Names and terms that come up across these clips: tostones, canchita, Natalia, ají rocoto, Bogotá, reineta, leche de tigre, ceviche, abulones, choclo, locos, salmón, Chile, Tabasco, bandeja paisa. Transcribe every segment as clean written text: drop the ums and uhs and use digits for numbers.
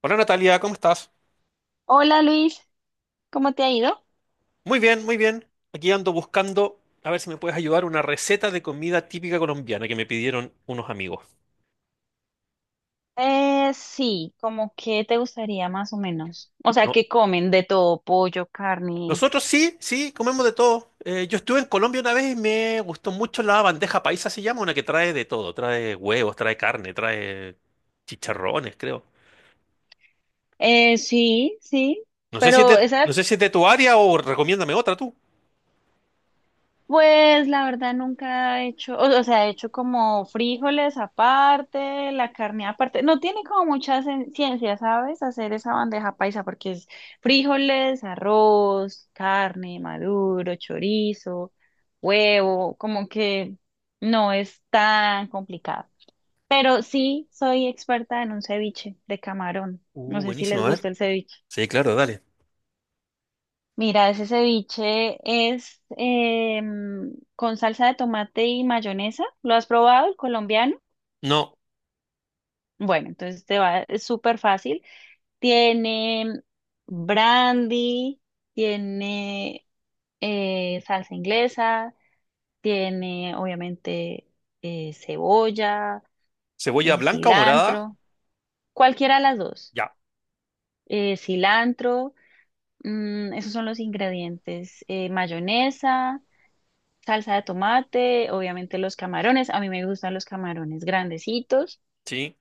Hola Natalia, ¿cómo estás? Hola Luis, ¿cómo te ha ido? Muy bien, muy bien. Aquí ando buscando, a ver si me puedes ayudar, una receta de comida típica colombiana que me pidieron unos amigos. Sí, como que te gustaría más o menos. O sea, No. que comen de todo, pollo, carne. Nosotros sí, sí, comemos de todo. Yo estuve en Colombia una vez y me gustó mucho la bandeja paisa, se llama, una que trae de todo. Trae huevos, trae carne, trae chicharrones, creo. Sí, sí, pero No esa... sé si es de tu área o recomiéndame otra tú. Pues la verdad nunca he hecho, o sea, he hecho como frijoles aparte, la carne aparte. No tiene como mucha ciencia, ¿sabes? Hacer esa bandeja paisa porque es frijoles, arroz, carne, maduro, chorizo, huevo, como que no es tan complicado. Pero sí soy experta en un ceviche de camarón. No Uh, sé si les buenísimo, a ver. gusta el ceviche. Sí, claro, dale. Mira, ese ceviche es con salsa de tomate y mayonesa. ¿Lo has probado, el colombiano? No, Bueno, entonces te va, es súper fácil. Tiene brandy, tiene salsa inglesa, tiene obviamente cebolla, cebolla blanca o morada, cilantro, cualquiera de las dos. ya. Cilantro, esos son los ingredientes. Mayonesa, salsa de tomate, obviamente los camarones, a mí me gustan los camarones grandecitos, Sí,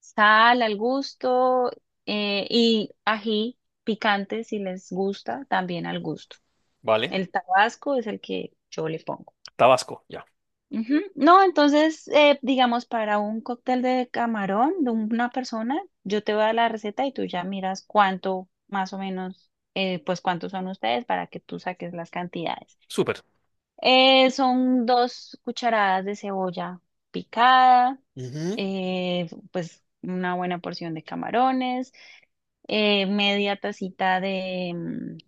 sal al gusto, y ají picante si les gusta, también al gusto. vale. El tabasco es el que yo le pongo. Tabasco, ya. Ujú. No, entonces, digamos, para un cóctel de camarón de una persona, yo te voy a dar la receta y tú ya miras cuánto, más o menos, pues cuántos son ustedes para que tú saques las cantidades. Súper. Son 2 cucharadas de cebolla picada, Ujú. Pues una buena porción de camarones, media tacita de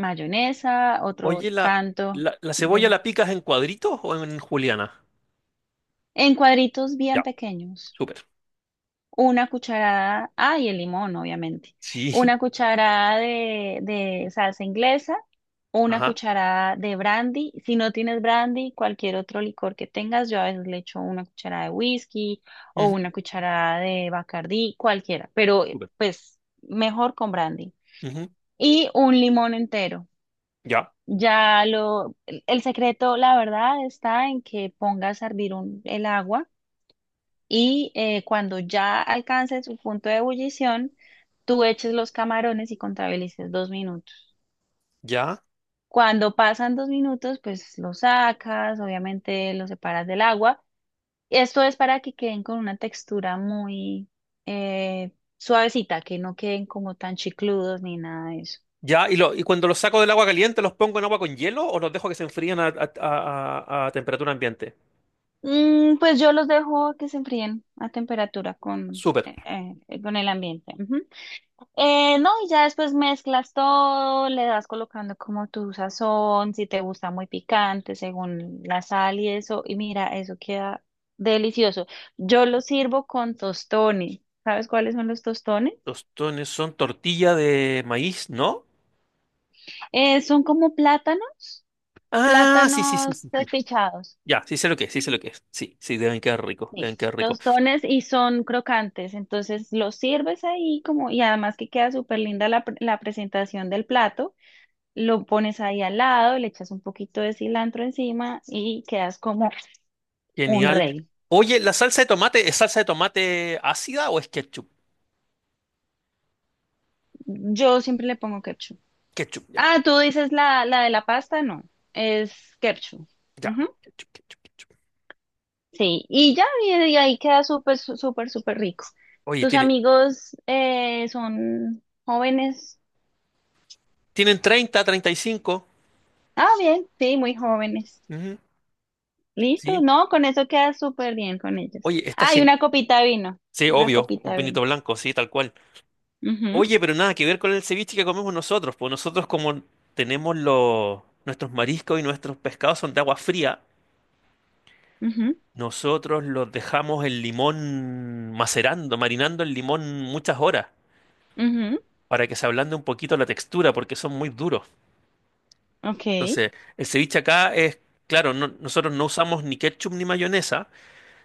mayonesa, otro Oye, ¿la, tanto la, la cebolla de... la picas en cuadritos o en juliana? en cuadritos bien Ya, pequeños. súper. Una cucharada, ah, y el limón, obviamente. Sí, Una cucharada de salsa inglesa, una ajá. cucharada de brandy. Si no tienes brandy, cualquier otro licor que tengas, yo a veces le echo una cucharada de whisky o una Ujú, cucharada de Bacardí, cualquiera, pero súper. pues mejor con brandy. Ujú, Y un limón entero. ya, el secreto, la verdad, está en que pongas a hervir el agua y cuando ya alcance su punto de ebullición, tú eches los camarones y contabilices 2 minutos. ya, Cuando pasan 2 minutos, pues los sacas, obviamente los separas del agua. Esto es para que queden con una textura muy eh, suavecita, que no queden como tan chicludos ni nada de eso. ya. ¿Y cuando los saco del agua caliente, los pongo en agua con hielo o los dejo que se enfríen a temperatura ambiente? Mm, pues yo los dejo que se enfríen a temperatura Súper. Con el ambiente. Ujú. No, y ya después mezclas todo, le das colocando como tu sazón, si te gusta muy picante, según la sal y eso, y mira, eso queda delicioso. Yo lo sirvo con tostones. ¿Sabes cuáles son los tostones? Tostones son tortilla de maíz, ¿no? Son como plátanos, Ah, sí, sí, sí, plátanos sí, sí. despichados. Ya, sí sé lo que es, sí sé lo que es. Sí, sí, deben quedar ricos, deben Sí, quedar ricos. tostones y son crocantes, entonces los sirves ahí como, y además que queda súper linda la presentación del plato. Lo pones ahí al lado, le echas un poquito de cilantro encima y quedas como un Genial. rey. Oye, ¿la salsa de tomate es salsa de tomate ácida o es ketchup? Yo siempre le pongo ketchup. Ketchup, ya. Ah, tú dices la de la pasta, no, es ketchup. Ya. Ujú. Ketchup, ketchup, ketchup. Sí, y ahí queda súper, súper rico. Oye, ¿Tus tiene, amigos son jóvenes? tienen 30, 35. Ah, bien, sí, muy jóvenes. Ujú. Listo, Sí. no, con eso queda súper bien con ellos. Oye, está Ah, y genial. una copita de vino, Sí, una obvio, copita un de vino. pinito blanco, sí, tal cual. Ujú, Oye, pero nada que ver con el ceviche que comemos nosotros, pues nosotros como tenemos nuestros mariscos y nuestros pescados son de agua fría, ujú, nosotros los dejamos el limón macerando, marinando el limón muchas horas ujú. para que se ablande un poquito la textura porque son muy duros. Ok. Entonces, el ceviche acá es, claro, nosotros no usamos ni ketchup ni mayonesa,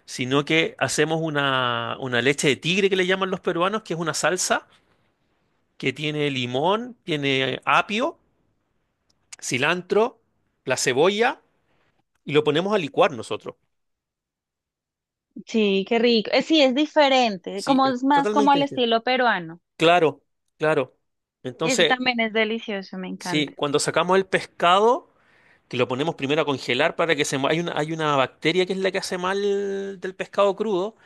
sino que hacemos una leche de tigre que le llaman los peruanos, que es una salsa que tiene limón, tiene apio, cilantro, la cebolla, y lo ponemos a licuar nosotros. Sí, qué rico. Sí, es diferente, Sí, como es es más como totalmente al distinto. estilo peruano. Claro, claro. Y ese Entonces, también es delicioso, me sí, encanta. cuando sacamos el pescado, que lo ponemos primero a congelar. Para que se... mu- Hay una bacteria que es la que hace mal del pescado crudo,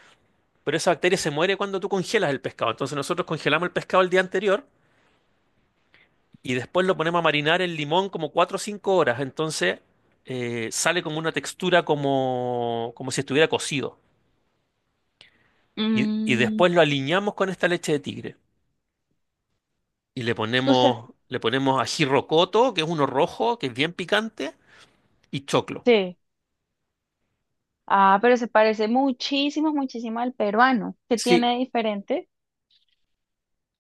pero esa bacteria se muere cuando tú congelas el pescado. Entonces nosotros congelamos el pescado el día anterior y después lo ponemos a marinar en limón como 4 o 5 horas. Entonces sale como una textura como, como si estuviera cocido. Y Mm, después lo aliñamos con esta leche de tigre. Y le tú sabes, ponemos, le ponemos ají rocoto, que es uno rojo, que es bien picante, y choclo. sí. Ah, pero se parece muchísimo, muchísimo al peruano. ¿Qué Sí, tiene de diferente?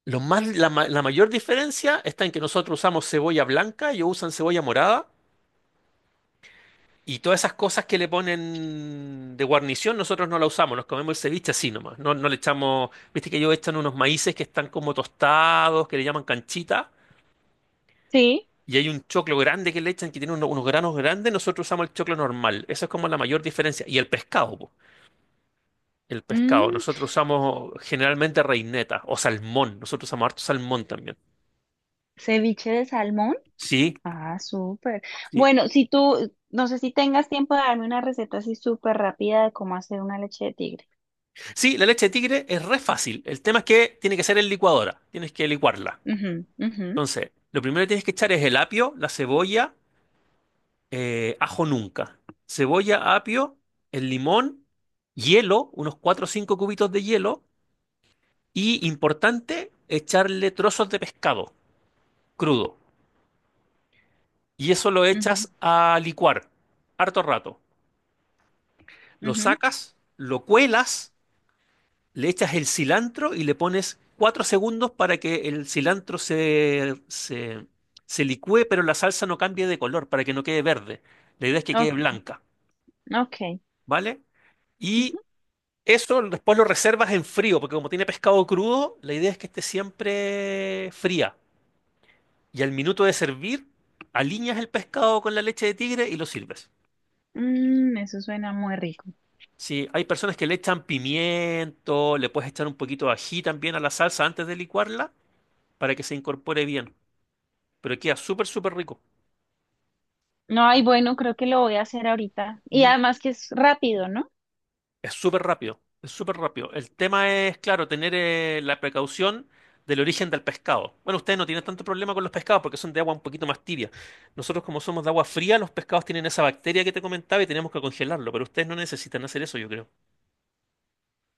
lo más, la, ma- la mayor diferencia está en que nosotros usamos cebolla blanca, ellos usan cebolla morada. Y todas esas cosas que le ponen de guarnición, nosotros no la usamos, nos comemos el ceviche así nomás. No, no le echamos, viste que ellos echan unos maíces que están como tostados, que le llaman canchita, Sí. y hay un choclo grande que le echan que tiene unos granos grandes, nosotros usamos el choclo normal. Esa es como la mayor diferencia. El pescado, Mm, nosotros usamos generalmente reineta o salmón, nosotros usamos harto salmón también. ceviche de salmón. Sí, Ah, súper. sí. Bueno, si tú, no sé si tengas tiempo de darme una receta así súper rápida de cómo hacer una leche de tigre. Sí, la leche de tigre es re fácil. El tema es que tiene que ser en licuadora, tienes que licuarla. Ujú, ujú, Entonces, lo primero que tienes que echar es el apio, la cebolla, ajo nunca. Cebolla, apio, el limón, hielo, unos 4 o 5 cubitos de hielo. Y importante, echarle trozos de pescado crudo. Y eso lo ujú, echas a licuar, harto rato. Lo ujú. sacas, lo cuelas, le echas el cilantro y le pones 4 segundos para que el cilantro se licúe, pero la salsa no cambie de color, para que no quede verde. La idea es que quede Ok, blanca. ok. ¿Vale? Y Ujú. eso después lo reservas en frío, porque como tiene pescado crudo, la idea es que esté siempre fría. Y al minuto de servir, aliñas el pescado con la leche de tigre y lo sirves. Mm, eso suena muy rico. Sí, hay personas que le echan pimiento, le puedes echar un poquito de ají también a la salsa antes de licuarla para que se incorpore bien. Pero queda súper, súper rico. No, ay, bueno, creo que lo voy a hacer ahorita. Y Mm. además que es rápido, ¿no? Es súper rápido, es súper rápido. El tema es, claro, tener la precaución del origen del pescado. Bueno, ustedes no tienen tanto problema con los pescados porque son de agua un poquito más tibia. Nosotros, como somos de agua fría, los pescados tienen esa bacteria que te comentaba y tenemos que congelarlo, pero ustedes no necesitan hacer eso, yo creo.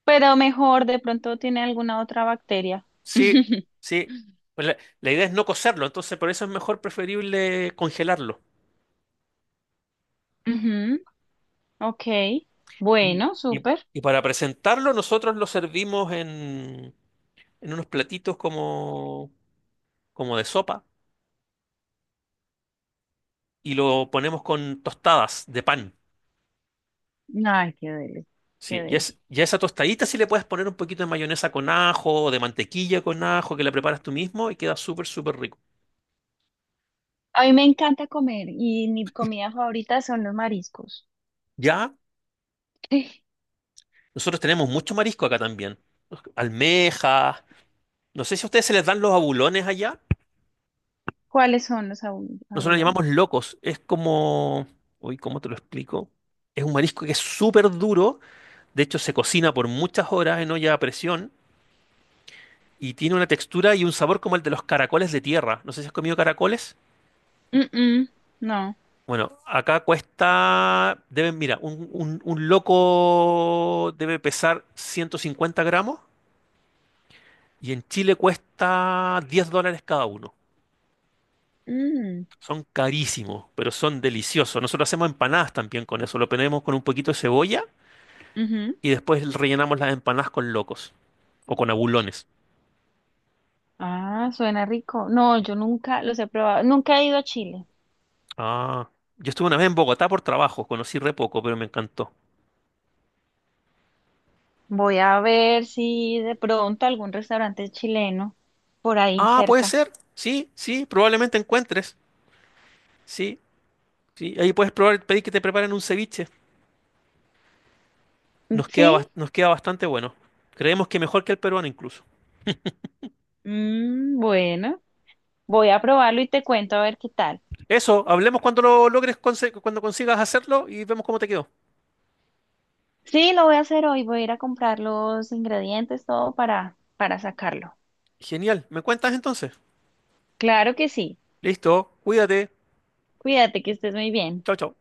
Pero mejor, de pronto tiene alguna otra bacteria. Sí, sí. Pues la idea es no cocerlo, entonces por eso es mejor preferible congelarlo. Ujú. Ok, Y, bueno, y- súper. y para presentarlo, nosotros lo servimos en unos platitos como, como de sopa y lo ponemos con tostadas de pan. Ay, qué deli, qué Sí, y, es, deli. y a esa tostadita sí le puedes poner un poquito de mayonesa con ajo o de mantequilla con ajo que la preparas tú mismo y queda súper, súper rico. A mí me encanta comer y mi comida favorita son los mariscos. Ya, Sí. nosotros tenemos mucho marisco acá también. Almejas. No sé si a ustedes se les dan los abulones allá. ¿Cuáles son Nosotros los llamamos abulones? locos. Es como. Uy, ¿cómo te lo explico? Es un marisco que es súper duro. De hecho, se cocina por muchas horas en olla a presión y tiene una textura y un sabor como el de los caracoles de tierra. No sé si has comido caracoles. Mm, mm, no. Bueno, acá cuesta, deben, mira, un loco debe pesar 150 gramos y en Chile cuesta $10 cada uno. Mm, Son carísimos, pero son deliciosos. Nosotros hacemos empanadas también con eso. Lo ponemos con un poquito de cebolla ujú. y después rellenamos las empanadas con locos o con abulones. Ah, suena rico. No, Sí. yo nunca los he probado. Nunca he ido a Chile. Ah, yo estuve una vez en Bogotá por trabajo, conocí re poco, pero me encantó. Voy a ver si de pronto algún restaurante chileno por ahí Ah, puede cerca. ser. Sí, sí, probablemente encuentres. Sí, sí, ahí puedes probar, pedir que te preparen un ceviche. Nos queda, bas- ¿Sí? nos queda bastante bueno. Creemos que mejor que el peruano incluso. Mm, bueno, voy a probarlo y te cuento a ver qué tal. Eso, hablemos cuando lo logres, cuando consigas hacerlo y vemos cómo te quedó. Sí, lo voy a hacer hoy. Voy a ir a comprar los ingredientes, todo para sacarlo. Genial, ¿me cuentas entonces? Claro que sí. Listo, cuídate. Cuídate, que estés muy bien. Chao, chao.